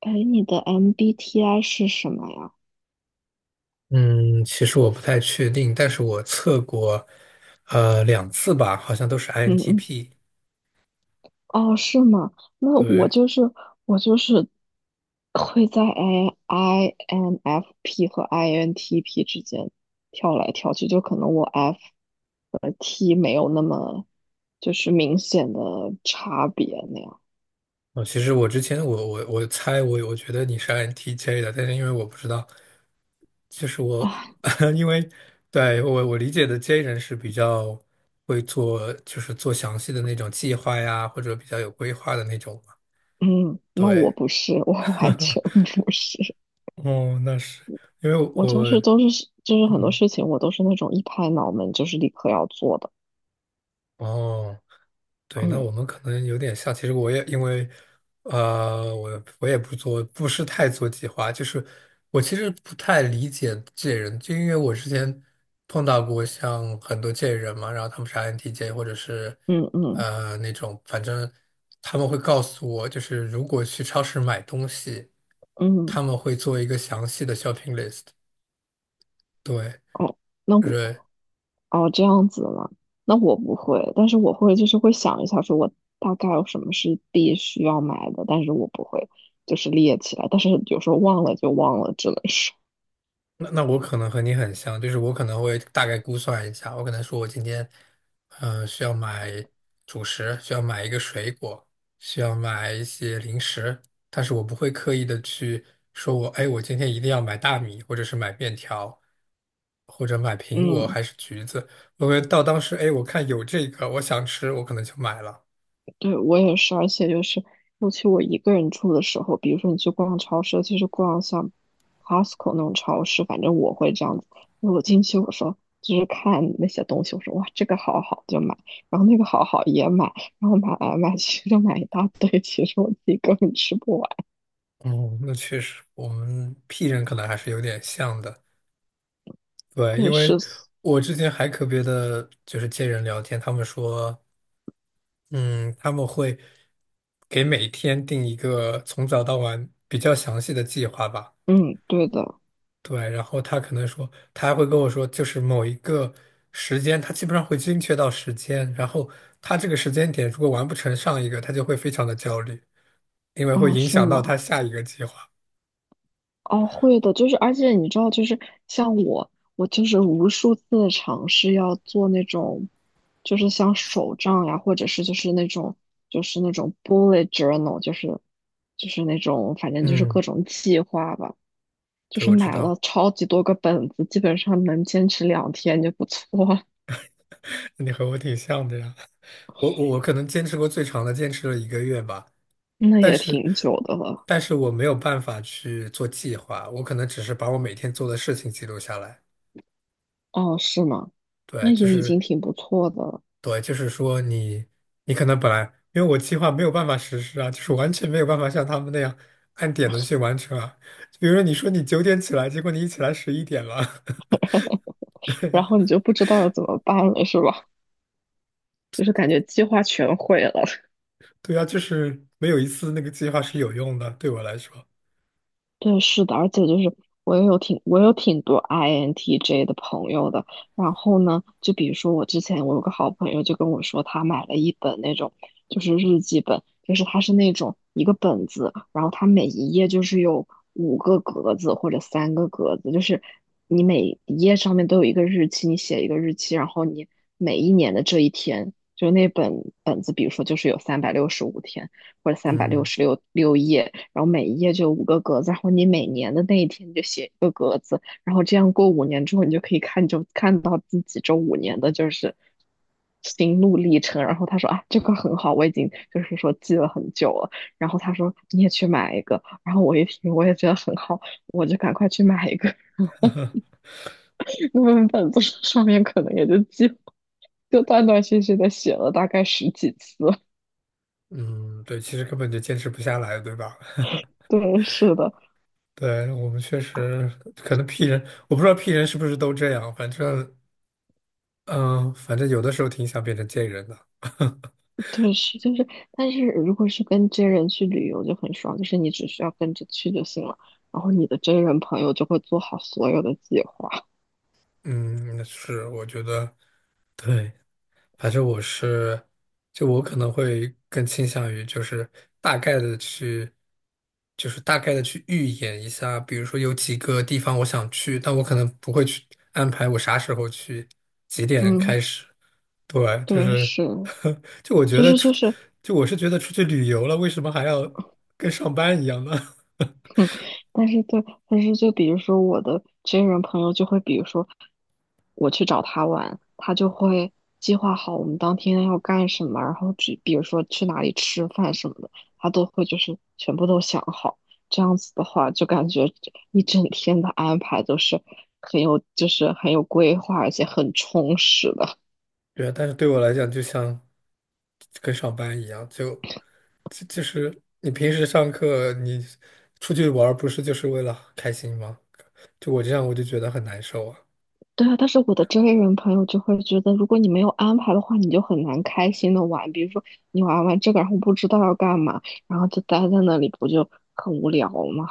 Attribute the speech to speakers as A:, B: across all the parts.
A: 哎，你的 MBTI 是什么呀？
B: 嗯，其实我不太确定，但是我测过，两次吧，好像都是
A: 嗯嗯，
B: INTP。
A: 哦，是吗？那我
B: 对，
A: 就是我就是会在INFP 和 INTP 之间跳来跳去，就可能我 F 和 T 没有那么就是明显的差别那样。
B: 哦，其实我之前我猜我觉得你是 INTJ 的，但是因为我不知道，就是我
A: 啊，
B: 因为对我理解的 J 人是比较会做，就是做详细的那种计划呀，或者比较有规划的那种嘛。
A: 嗯，那我
B: 对，
A: 不是，我 完全不是，
B: 哦，那是因为
A: 我
B: 我
A: 就是都是就是很多
B: 嗯
A: 事情我都是那种一拍脑门就是立刻要做的。
B: 哦。对，那我
A: 嗯
B: 们可能有点像。其实我也因为，我也不做，不是太做计划。就是我其实不太理解这些人，就因为我之前碰到过像很多这些人嘛，然后他们是 INTJ 或者是
A: 嗯嗯
B: 那种，反正他们会告诉我，就是如果去超市买东西，
A: 嗯。
B: 他们会做一个详细的 shopping list。对。
A: 哦，那我
B: 对
A: 哦这样子了，那我不会，但是我会就是会想一下，说我大概有什么是必须要买的，但是我不会就是列起来，但是有时候忘了就忘了，只能说。
B: 那我可能和你很像，就是我可能会大概估算一下，我可能说我今天，需要买主食，需要买一个水果，需要买一些零食，但是我不会刻意的去说我，哎，我今天一定要买大米，或者是买面条，或者买 苹果
A: 嗯。
B: 还是橘子，我会到当时，哎，我看有这个，我想吃，我可能就买了。
A: 对，我也是，而且就是，尤其我一个人住的时候，比如说你去逛超市，尤其是逛像 Costco 那种超市，反正我会这样子。因为我进去，我说就是看那些东西，我说哇，这个好好就买，然后那个好好也买，然后买来买去就买一大堆，其实我自己根本吃不完。
B: 哦，那确实，我们 P 人可能还是有点像的。对，
A: 对，
B: 因为
A: 是，
B: 我之前还特别的就是接人聊天，他们说，嗯，他们会给每天定一个从早到晚比较详细的计划吧。
A: 嗯，对的，
B: 对，然后他可能说，他还会跟我说，就是某一个时间，他基本上会精确到时间，然后他这个时间点如果完不成上一个，他就会非常的焦虑，因为会
A: 啊，
B: 影
A: 是
B: 响到他
A: 吗？
B: 下一个计划。
A: 哦，会的，就是，而且你知道，就是像我，我就是无数次的尝试要做那种，就是像手账呀，或者是就是那种 bullet journal，就是那种反正就是
B: 嗯，
A: 各种计划吧，就
B: 对，
A: 是
B: 我知
A: 买了
B: 道，
A: 超级多个本子，基本上能坚持2天就不错了。
B: 你和我挺像的呀。我可能坚持过最长的，坚持了一个月吧。
A: 那
B: 但
A: 也
B: 是，
A: 挺久的了。
B: 但是我没有办法去做计划，我可能只是把我每天做的事情记录下来。
A: 哦，是吗？那
B: 对，就
A: 也已
B: 是
A: 经挺不错的了。
B: 对，就是说你，你可能本来因为我计划没有办法实施啊，就是完全没有办法像他们那样按点的去完成啊。比如说你说你9点起来，结果你一起来11点了，对
A: 然
B: 呀，
A: 后你就不知道要怎么办了，是吧？就是感觉计划全毁了。
B: 对呀，就是没有一次那个计划是有用的，对我来说，
A: 对，是的，而且就是我有挺多 INTJ 的朋友的。然后呢，就比如说我之前我有个好朋友就跟我说，他买了一本那种就是日记本，就是它是那种一个本子，然后它每一页就是有五个格子或者三个格子，就是你每一页上面都有一个日期，你写一个日期，然后你每一年的这一天，就那本本子，比如说就是有365天。或者三百六
B: 嗯
A: 十六页，然后每一页就有五个格子，然后你每年的那一天你就写，然后这样过五年之后，你就可以看到自己这五年的就是心路历程。然后他说啊，这个很好，我已经就是说记了很久了。然后他说你也去买一个，然后我一听我也觉得很好，我就赶快去买一个。那本本子上面可能也就记断断续续的写了大概十几次。
B: 嗯，对，其实根本就坚持不下来，对吧？
A: 对，是的，
B: 对，我们确实可能 P 人，我不知道 P 人是不是都这样，反正，嗯、反正有的时候挺想变成 J 人的，
A: 对，是就是，但是如果是跟真人去旅游就很爽，就是你只需要跟着去就行了，然后你的真人朋友就会做好所有的计划。
B: 嗯，是，我觉得，对，反正我是，就我可能会更倾向于就是大概的去，预演一下，比如说有几个地方我想去，但我可能不会去安排我啥时候去，几点
A: 嗯，
B: 开始。对，就
A: 对，
B: 是，
A: 是，
B: 就我觉
A: 就
B: 得
A: 是
B: 出，
A: 就是，
B: 就我是觉得出去旅游了，为什么还要跟上班一样呢？
A: 嗯，但是对，但是就比如说我的真人朋友就会，比如说我去找他玩，他就会计划好我们当天要干什么，然后去比如说去哪里吃饭什么的，他都会就是全部都想好。这样子的话，就感觉一整天的安排都是很有规划，而且很充实的。
B: 对啊，但是对我来讲，就像跟上班一样，就。这就是你平时上课，你出去玩儿不是就是为了开心吗？就我这样，我就觉得很难受啊。
A: 对啊，但是我的周围人朋友就会觉得，如果你没有安排的话，你就很难开心的玩。比如说，你玩完这个，然后不知道要干嘛，然后就待在那里，不就很无聊吗？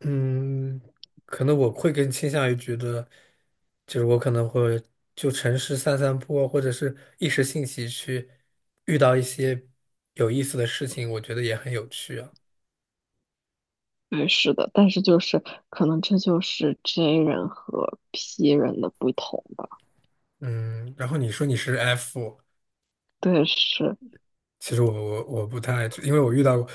B: 嗯，可能我会更倾向于觉得，就是我可能会就城市散散步啊，或者是一时兴起去遇到一些有意思的事情，我觉得也很有趣啊。
A: 对，是的，但是就是可能这就是 J 人和 P 人的不同吧。
B: 嗯，然后你说你是 F，
A: 对，是。
B: 其实我不太，因为我遇到过，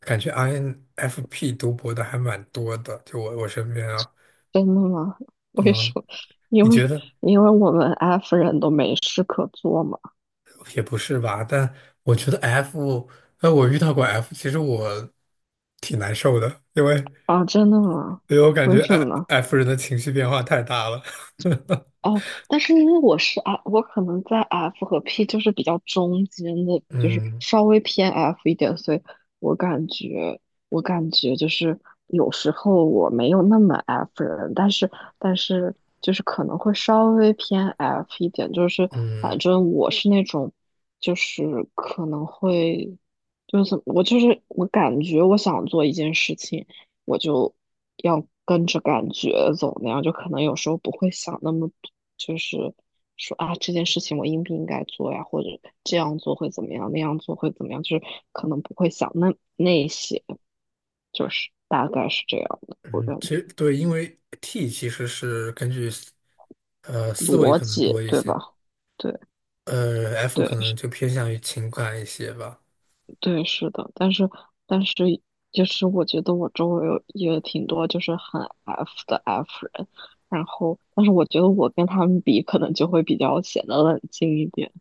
B: 感觉 INFP 读博的还蛮多的，就我身边啊。
A: 真的吗？为什
B: 嗯，
A: 么？
B: 你
A: 因
B: 觉
A: 为
B: 得
A: 因为我们 F 人都没事可做嘛。
B: 也不是吧？但我觉得 F，我遇到过 F，其实我挺难受的，因为
A: 啊，真的吗？
B: 因为我感
A: 为
B: 觉
A: 什么
B: F
A: 呢？
B: F 人的情绪变化太大了。
A: 哦，但是因为我是 F，我可能在 F 和 P 就是比较中间的，就是
B: 嗯
A: 稍微偏 F 一点，所以我感觉，我感觉就是有时候我没有那么 F 人，但是就是可能会稍微偏 F 一点，就是反
B: 嗯
A: 正我是那种，就是可能会，就是怎么我就是我感觉我想做一件事情。我就要跟着感觉走那样，就可能有时候不会想那么多，就是说啊这件事情我应不应该做呀，或者这样做会怎么样，那样做会怎么样，就是可能不会想那些，就是大概是这样的，我
B: 嗯，
A: 感
B: 其
A: 觉
B: 实对，因为 T 其实是根据思维
A: 逻
B: 可能
A: 辑
B: 多一
A: 对吧？
B: 些，
A: 对
B: F
A: 对，
B: 可能就偏向于情感一些吧。
A: 对，是的，但是，就是我觉得我周围有也挺多就是很 F 的 F 人，然后但是我觉得我跟他们比，可能就会比较显得冷静一点。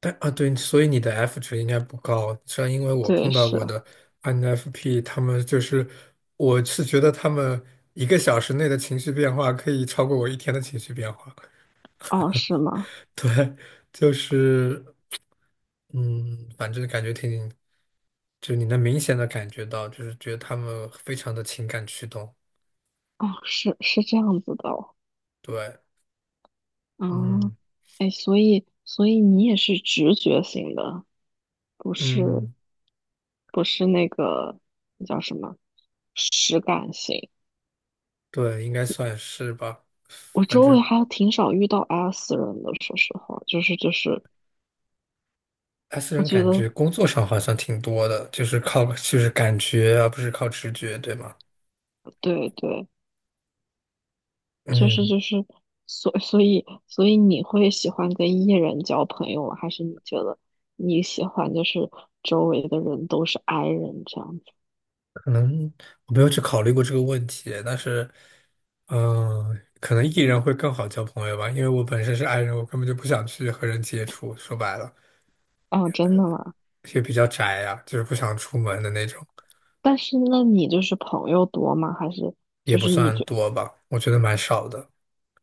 B: 但啊，对，所以你的 F 值应该不高。虽然因为我
A: 对，
B: 碰到
A: 是，
B: 过的 INFP，他们就是，我是觉得他们一个小时内的情绪变化可以超过我一天的情绪变化。
A: 哦，是吗？
B: 对，就是，嗯，反正感觉挺，就你能明显的感觉到，就是觉得他们非常的情感驱动。
A: 哦，是是这样子的哦，
B: 对，
A: 嗯，
B: 嗯
A: 哎，所以你也是直觉型的，不是
B: 嗯，
A: 不是那个那叫什么实感型。
B: 对，应该算是吧。
A: 我
B: 反
A: 周围
B: 正
A: 还挺少遇到 S 人的，说实话，就是，
B: 他私
A: 我
B: 人
A: 觉
B: 感觉
A: 得。
B: 工作上好像挺多的，就是靠就是感觉啊，而不是靠直觉，对吗？
A: 对对，就是
B: 嗯，
A: 就是，所以你会喜欢跟 E 人交朋友吗，还是你觉得你喜欢就是周围的人都是 I 人这样子？
B: 可能我没有去考虑过这个问题，但是，嗯、可能 E 人会更好交朋友吧，因为我本身是 I 人，我根本就不想去和人接触，说白了
A: 哦，真的吗？
B: 也比较宅呀、就是不想出门的那种，
A: 但是那你就是朋友多吗？还是
B: 也
A: 就
B: 不
A: 是你
B: 算
A: 就
B: 多吧，我觉得蛮少的。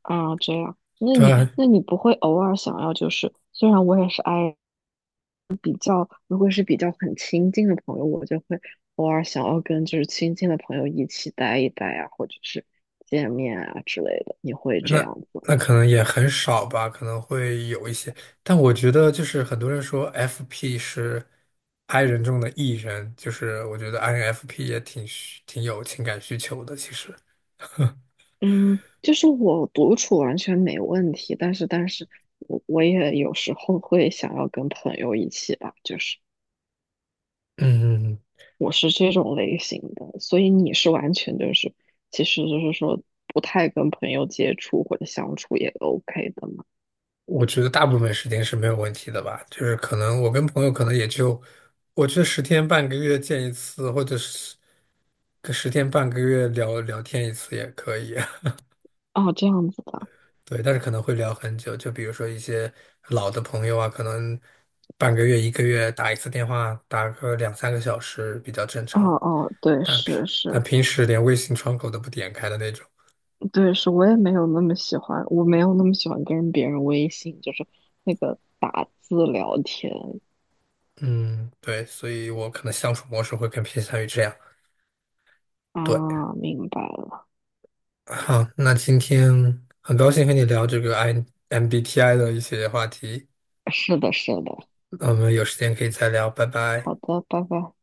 A: 啊这样？那
B: 对，
A: 你那你不会偶尔想要就是虽然我也是 I 人，如果是比较很亲近的朋友，我就会偶尔想要跟就是亲近的朋友一起待一待啊，或者是见面啊之类的，你会这
B: 那
A: 样子？
B: 那可能也很少吧，可能会有一些，但我觉得就是很多人说 FP 是 I 人中的 E 人，就是我觉得 INFP 也挺有情感需求的。其实，
A: 嗯，就是我独处完全没问题，但是我也有时候会想要跟朋友一起吧，就是
B: 嗯，
A: 我是这种类型的，所以你是完全就是其实就是说不太跟朋友接触或者相处也 OK 的嘛。
B: 我觉得大部分时间是没有问题的吧，就是可能我跟朋友可能也就，我觉得十天半个月见一次，或者是个十天半个月聊聊天一次也可以。
A: 哦，这样子的。
B: 对，但是可能会聊很久，就比如说一些老的朋友啊，可能半个月、一个月打一次电话，打个两三个小时比较正
A: 哦
B: 常。
A: 哦，对，
B: 但平
A: 是
B: 但
A: 是，
B: 平时连微信窗口都不点开的那种，
A: 对，是我没有那么喜欢跟别人微信，就是那个打字聊天。
B: 嗯，对，所以我可能相处模式会更偏向于这样。对，
A: 啊，明白了，
B: 好，那今天很高兴和你聊这个 MBTI 的一些话题，
A: 是的，是的。
B: 那我们有时间可以再聊，拜拜。
A: 好的，拜拜。